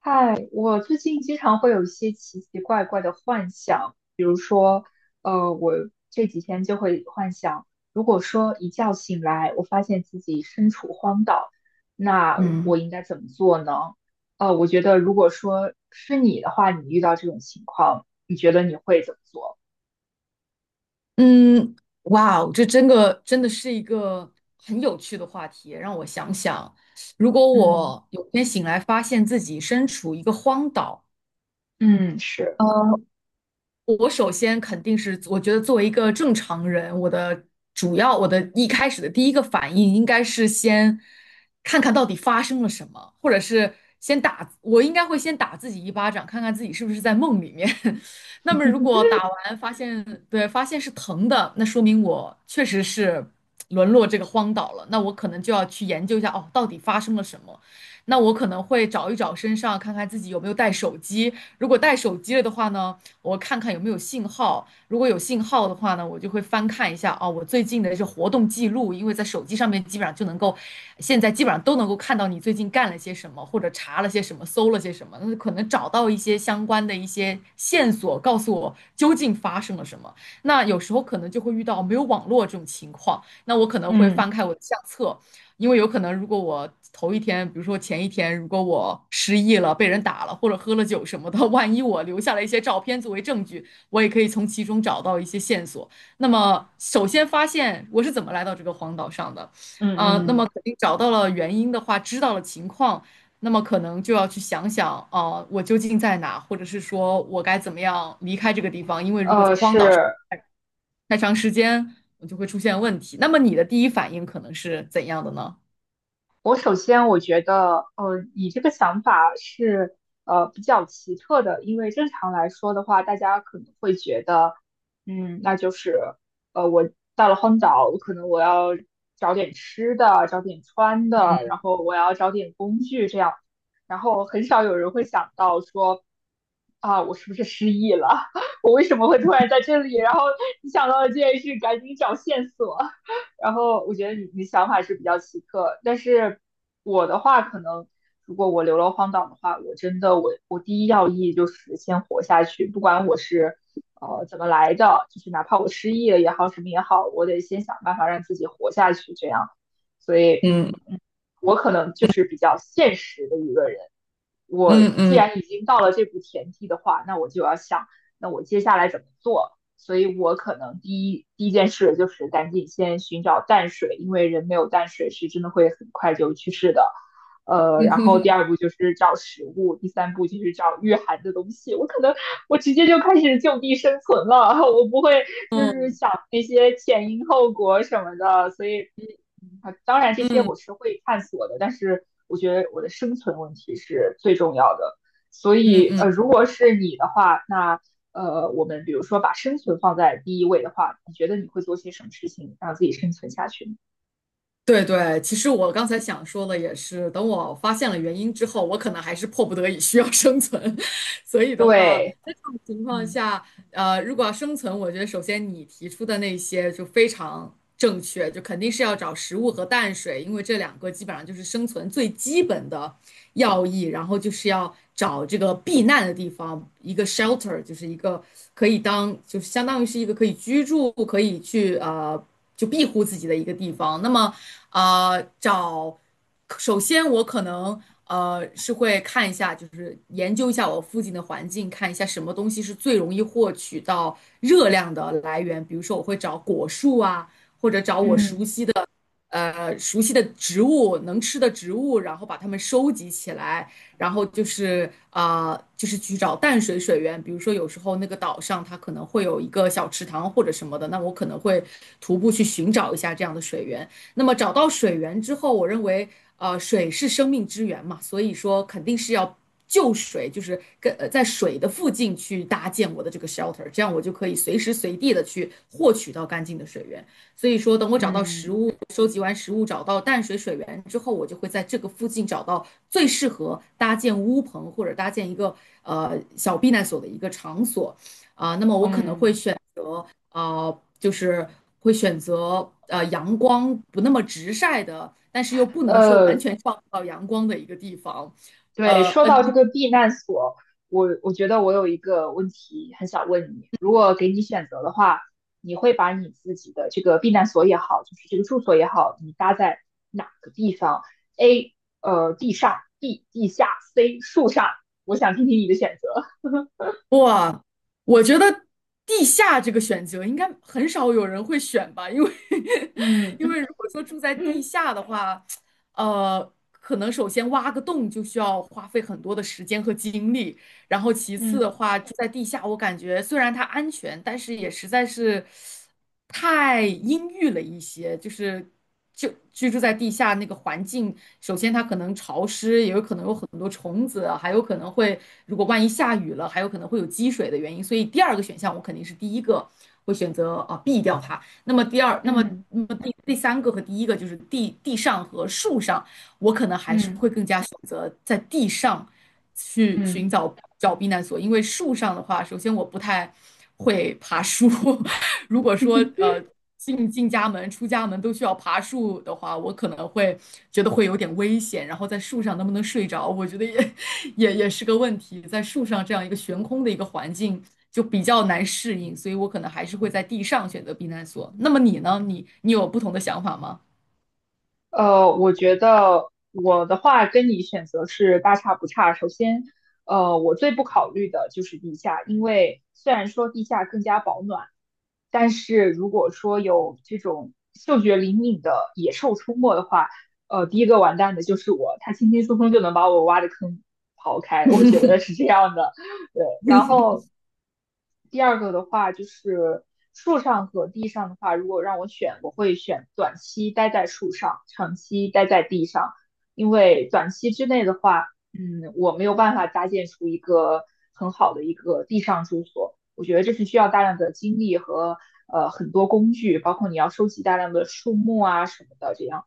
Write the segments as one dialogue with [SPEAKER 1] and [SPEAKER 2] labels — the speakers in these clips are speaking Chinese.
[SPEAKER 1] 嗨，我最近经常会有一些奇奇怪怪的幻想，比如说，我这几天就会幻想，如果说一觉醒来，我发现自己身处荒岛，那
[SPEAKER 2] 嗯
[SPEAKER 1] 我应该怎么做呢？我觉得如果说是你的话，你遇到这种情况，你觉得你会怎么做？
[SPEAKER 2] 嗯，哇哦，这真的是一个很有趣的话题。让我想想，如果
[SPEAKER 1] 嗯
[SPEAKER 2] 我有天醒来发现自己身处一个荒岛，
[SPEAKER 1] 嗯，是，
[SPEAKER 2] 我首先肯定是，我觉得作为一个正常人，我一开始的第一个反应应该是先看看到底发生了什么，或者是先打，我应该会先打自己一巴掌，看看自己是不是在梦里面。那么如果打完发现，对，发现是疼的，那说明我确实是沦落这个荒岛了。那我可能就要去研究一下，哦，到底发生了什么。那我可能会找一找身上，看看自己有没有带手机。如果带手机了的话呢？我看看有没有信号。如果有信号的话呢，我就会翻看一下哦，我最近的这活动记录，因为在手机上面基本上就能够，现在基本上都能够看到你最近干了些什么，或者查了些什么，搜了些什么，那可能找到一些相关的一些线索，告诉我究竟发生了什么。那有时候可能就会遇到没有网络这种情况，那我可能会
[SPEAKER 1] 嗯
[SPEAKER 2] 翻开我的相册。因为有可能，如果我头一天，比如说前一天，如果我失忆了、被人打了，或者喝了酒什么的，万一我留下了一些照片作为证据，我也可以从其中找到一些线索。那么，首先发现我是怎么来到这个荒岛上的，那
[SPEAKER 1] 嗯
[SPEAKER 2] 么
[SPEAKER 1] 嗯，
[SPEAKER 2] 肯定找到了原因的话，知道了情况，那么可能就要去想想，我究竟在哪，或者是说我该怎么样离开这个地方？因为如果在
[SPEAKER 1] 呃，
[SPEAKER 2] 荒岛上
[SPEAKER 1] 是，
[SPEAKER 2] 太长时间，我就会出现问题。那么你的第一反应可能是怎样的呢？
[SPEAKER 1] 我首先我觉得，呃，你这个想法是比较奇特的，因为正常来说的话，大家可能会觉得，嗯，那就是我到了荒岛，我可能要找点吃的，找点穿的，
[SPEAKER 2] 嗯。
[SPEAKER 1] 然后我要找点工具这样，然后很少有人会想到说，啊，我是不是失忆了？我为什么会突然在这里？然后你想到了这件事，赶紧找线索。然后我觉得你想法是比较奇特，但是我的话，可能如果我流落荒岛的话，我真的我第一要义就是先活下去，不管我是怎么来的，就是哪怕我失忆了也好，什么也好，我得先想办法让自己活下去，这样。所以，
[SPEAKER 2] 嗯
[SPEAKER 1] 嗯，我可能就是比较现实的一个人，我
[SPEAKER 2] 嗯
[SPEAKER 1] 既
[SPEAKER 2] 嗯
[SPEAKER 1] 然已经到了这步田地的话，那我就要想，那我接下来怎么做？所以我可能第一件事就是赶紧先寻找淡水，因为人没有淡水是真的会很快就去世的。
[SPEAKER 2] 嗯
[SPEAKER 1] 然后第
[SPEAKER 2] 嗯
[SPEAKER 1] 二步就是找食物，第三步就是找御寒的东西。我可能直接就开始就地生存了，我不会就是
[SPEAKER 2] 嗯
[SPEAKER 1] 想那些前因后果什么的，所以啊，当然这些
[SPEAKER 2] 嗯
[SPEAKER 1] 我是会探索的，但是我觉得我的生存问题是最重要的，所
[SPEAKER 2] 嗯
[SPEAKER 1] 以如
[SPEAKER 2] 嗯。
[SPEAKER 1] 果是你的话，那我们比如说把生存放在第一位的话，你觉得你会做些什么事情让自己生存下去呢？
[SPEAKER 2] 对对，其实我刚才想说的也是，等我发现了原因之后，我可能还是迫不得已需要生存，所以的话，
[SPEAKER 1] 对，
[SPEAKER 2] 在这种情况
[SPEAKER 1] 嗯
[SPEAKER 2] 下，如果要生存，我觉得首先你提出的那些就非常正确，就肯定是要找食物和淡水，因为这两个基本上就是生存最基本的要义，然后就是要找这个避难的地方，一个 shelter,就是一个可以当，就是相当于是一个可以居住，可以去。就庇护自己的一个地方。那么，啊，找，首先我可能是会看一下，就是研究一下我附近的环境，看一下什么东西是最容易获取到热量的来源。比如说，我会找果树啊，或者找我熟
[SPEAKER 1] 嗯
[SPEAKER 2] 悉的。熟悉的植物、能吃的植物，然后把它们收集起来，然后就是就是去找淡水水源。比如说，有时候那个岛上它可能会有一个小池塘或者什么的，那我可能会徒步去寻找一下这样的水源。那么找到水源之后，我认为水是生命之源嘛，所以说肯定是要。就水就是跟在水的附近去搭建我的这个 shelter,这样我就可以随时随地的去获取到干净的水源。所以说，等我找到食
[SPEAKER 1] 嗯
[SPEAKER 2] 物，收集完食物，找到淡水水源之后，我就会在这个附近找到最适合搭建屋棚或者搭建一个小避难所的一个场所。那么我可能会
[SPEAKER 1] 嗯，
[SPEAKER 2] 选就是会选择阳光不那么直晒的，但是又不能说完
[SPEAKER 1] 呃。
[SPEAKER 2] 全照不到阳光的一个地方。
[SPEAKER 1] 对，
[SPEAKER 2] 呃
[SPEAKER 1] 说
[SPEAKER 2] 嗯。
[SPEAKER 1] 到
[SPEAKER 2] 呃
[SPEAKER 1] 这个避难所，我觉得我有一个问题很想问你，如果给你选择的话，你会把你自己的这个避难所也好，就是这个住所也好，你搭在哪个地方？A，呃，地上；B，地下；C，树上。我想听听你的选择。
[SPEAKER 2] 哇，我觉得地下这个选择应该很少有人会选吧，因为
[SPEAKER 1] 嗯
[SPEAKER 2] 因
[SPEAKER 1] 嗯
[SPEAKER 2] 为如果说住在地
[SPEAKER 1] 嗯
[SPEAKER 2] 下的话，可能首先挖个洞就需要花费很多的时间和精力，然后其次的
[SPEAKER 1] 嗯
[SPEAKER 2] 话，住在地下，我感觉虽然它安全，但是也实在是太阴郁了一些。就居住在地下那个环境，首先它可能潮湿，也有可能有很多虫子啊，还有可能会如果万一下雨了，还有可能会有积水的原因。所以第二个选项我肯定是第一个会选择啊避掉它。那么第二，那么
[SPEAKER 1] 嗯
[SPEAKER 2] 那么第三个和第一个就是地上和树上。我可能还是会
[SPEAKER 1] 嗯
[SPEAKER 2] 更加选择在地上
[SPEAKER 1] 嗯。
[SPEAKER 2] 去
[SPEAKER 1] 嗯嗯
[SPEAKER 2] 寻找避难所，因为树上的话，首先我不太会爬树，如果说
[SPEAKER 1] 嗯
[SPEAKER 2] 进家门、出家门都需要爬树的话，我可能会觉得会有点危险，然后在树上能不能睡着，我觉得也 也是个问题，在树上这样一个悬空的一个环境。就比较难适应，所以我可能还是会在地上选择避难所。那么你呢？你有不同的想法吗？
[SPEAKER 1] 我觉得我的话跟你选择是大差不差。首先，我最不考虑的就是地下，因为虽然说地下更加保暖，但是如果说有这种嗅觉灵敏的野兽出没的话，第一个完蛋的就是我，它轻轻松松就能把我挖的坑刨开，我觉得是这样的。对，然
[SPEAKER 2] 嗯
[SPEAKER 1] 后第二个的话就是树上和地上的话，如果让我选，我会选短期待在树上，长期待在地上，因为短期之内的话，嗯，我没有办法搭建出一个很好的一个地上住所。我觉得这是需要大量的精力和很多工具，包括你要收集大量的树木啊什么的这样。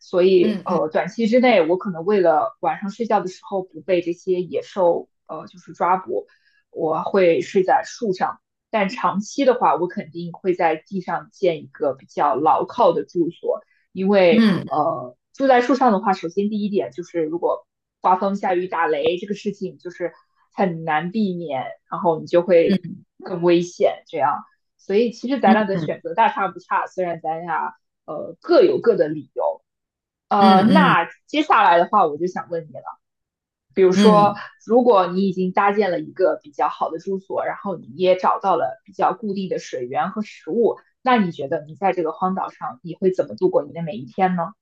[SPEAKER 1] 所以
[SPEAKER 2] 嗯嗯
[SPEAKER 1] 短期之内我可能为了晚上睡觉的时候不被这些野兽就是抓捕，我会睡在树上。但长期的话，我肯定会在地上建一个比较牢靠的住所，因为
[SPEAKER 2] 嗯。
[SPEAKER 1] 住在树上的话，首先第一点就是如果刮风下雨打雷这个事情就是很难避免，然后你就会更危险这样。所以其实咱俩的选择大差不差，虽然咱俩各有各的理由。
[SPEAKER 2] 嗯嗯
[SPEAKER 1] 那接下来的话，我就想问你了，比如说，
[SPEAKER 2] 嗯
[SPEAKER 1] 如果你已经搭建了一个比较好的住所，然后你也找到了比较固定的水源和食物，那你觉得你在这个荒岛上，你会怎么度过你的每一天呢？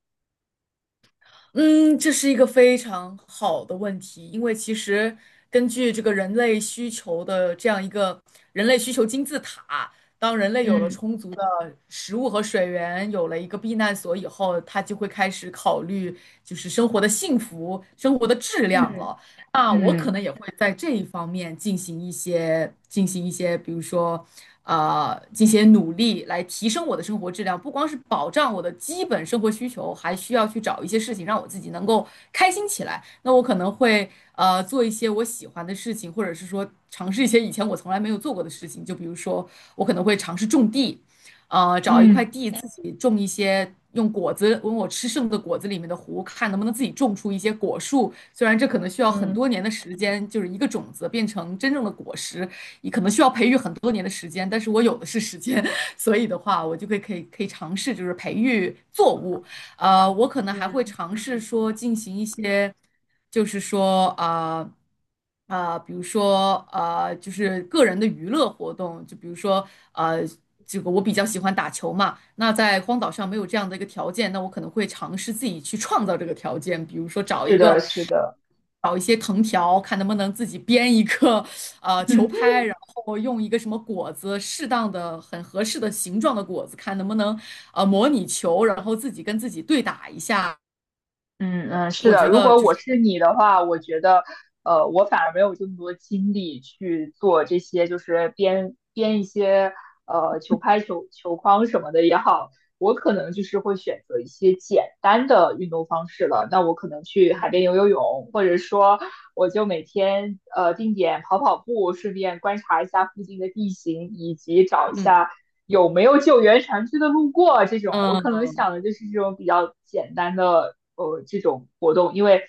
[SPEAKER 2] 嗯，这是一个非常好的问题，因为其实根据这个人类需求的这样一个人类需求金字塔，当人类有了
[SPEAKER 1] 嗯
[SPEAKER 2] 充足的食物和水源，有了一个避难所以后，他就会开始考虑就是生活的幸福、生活的质量
[SPEAKER 1] 嗯
[SPEAKER 2] 了。那我可
[SPEAKER 1] 嗯
[SPEAKER 2] 能也会在这一方面进行一些，比如说，进行努力来提升我的生活质量，不光是保障我的基本生活需求，还需要去找一些事情让我自己能够开心起来。那我可能会做一些我喜欢的事情，或者是说尝试一些以前我从来没有做过的事情，就比如说我可能会尝试种地。呃，找一块
[SPEAKER 1] 嗯
[SPEAKER 2] 地自己种一些，用果子，用我吃剩的果子里面的核，看能不能自己种出一些果树。虽然这可能需要很
[SPEAKER 1] 嗯
[SPEAKER 2] 多年的时间，就是一个种子变成真正的果实，也可能需要培育很多年的时间，但是我有的是时间，所以的话，我就会可以尝试，就是培育作物。我可能还会
[SPEAKER 1] 嗯，
[SPEAKER 2] 尝试说进行一些，就是说比如说就是个人的娱乐活动，就比如说呃，这个我比较喜欢打球嘛，那在荒岛上没有这样的一个条件，那我可能会尝试自己去创造这个条件，比如说找一
[SPEAKER 1] 是的，
[SPEAKER 2] 个。
[SPEAKER 1] 是的，
[SPEAKER 2] 找一些藤条，看能不能自己编一个球 拍，然后用一个什么果子，适当的、很合适的形状的果子，看能不能模拟球，然后自己跟自己对打一下，
[SPEAKER 1] 嗯嗯，是
[SPEAKER 2] 我
[SPEAKER 1] 的，
[SPEAKER 2] 觉
[SPEAKER 1] 如
[SPEAKER 2] 得
[SPEAKER 1] 果
[SPEAKER 2] 就
[SPEAKER 1] 我
[SPEAKER 2] 是
[SPEAKER 1] 是你的话，我觉得，我反而没有这么多精力去做这些，就是编一些球拍、球框什么的也好，我可能就是会选择一些简单的运动方式了。那我可能去海边
[SPEAKER 2] 嗯
[SPEAKER 1] 游游泳，或者说我就每天定点跑跑步，顺便观察一下附近的地形，以及找一
[SPEAKER 2] 嗯
[SPEAKER 1] 下有没有救援船只的路过啊这种，我可能
[SPEAKER 2] 嗯
[SPEAKER 1] 想的就是这种比较简单的这种活动，因为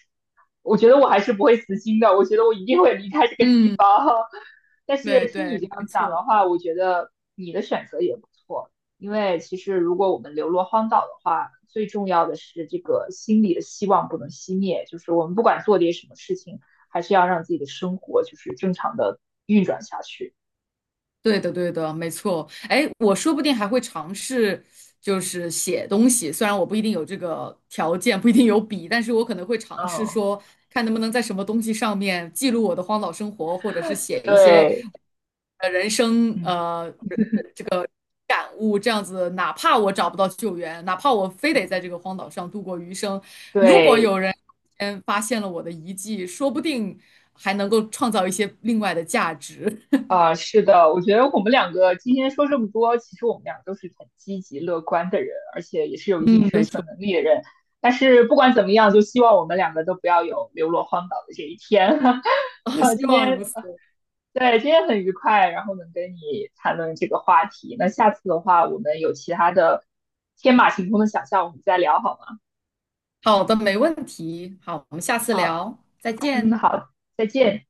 [SPEAKER 1] 我觉得我还是不会死心的，我觉得我一定会离开这个地
[SPEAKER 2] 嗯，
[SPEAKER 1] 方。但是
[SPEAKER 2] 对
[SPEAKER 1] 听
[SPEAKER 2] 对，
[SPEAKER 1] 你这
[SPEAKER 2] 没
[SPEAKER 1] 样讲
[SPEAKER 2] 错，
[SPEAKER 1] 的话，我觉得你的选择也不错，因为其实如果我们流落荒岛的话，最重要的是这个心里的希望不能熄灭，就是我们不管做点什么事情，还是要让自己的生活就是正常的运转下去。
[SPEAKER 2] 对的对的，没错。哎，我说不定还会尝试就是写东西，虽然我不一定有这个条件，不一定有笔，但是我可能会尝试
[SPEAKER 1] 嗯
[SPEAKER 2] 说，看能不能在什么东西上面记录我的荒岛生活，或者是写一些。
[SPEAKER 1] 对，
[SPEAKER 2] 人生
[SPEAKER 1] 嗯。
[SPEAKER 2] 感悟，这样子，哪怕我找不到救援，哪怕我非得在这
[SPEAKER 1] 嗯。
[SPEAKER 2] 个荒岛上度过余生，如果
[SPEAKER 1] 对，
[SPEAKER 2] 有人先发现了我的遗迹，说不定还能够创造一些另外的价值。
[SPEAKER 1] 啊、是的，我觉得我们两个今天说这么多，其实我们俩都是很积极乐观的人，而且也是有 一定
[SPEAKER 2] 嗯，没
[SPEAKER 1] 生
[SPEAKER 2] 错，
[SPEAKER 1] 存能力的人。但是不管怎么样，就希望我们两个都不要有流落荒岛的这一天。哈，
[SPEAKER 2] 希
[SPEAKER 1] 今
[SPEAKER 2] 望
[SPEAKER 1] 天，
[SPEAKER 2] 如此。
[SPEAKER 1] 对，今天很愉快，然后能跟你谈论这个话题。那下次的话，我们有其他的天马行空的想象，我们再聊好吗？
[SPEAKER 2] 好的，没问题。好，我们下次
[SPEAKER 1] 好，
[SPEAKER 2] 聊，再
[SPEAKER 1] 嗯，
[SPEAKER 2] 见。
[SPEAKER 1] 好，再见。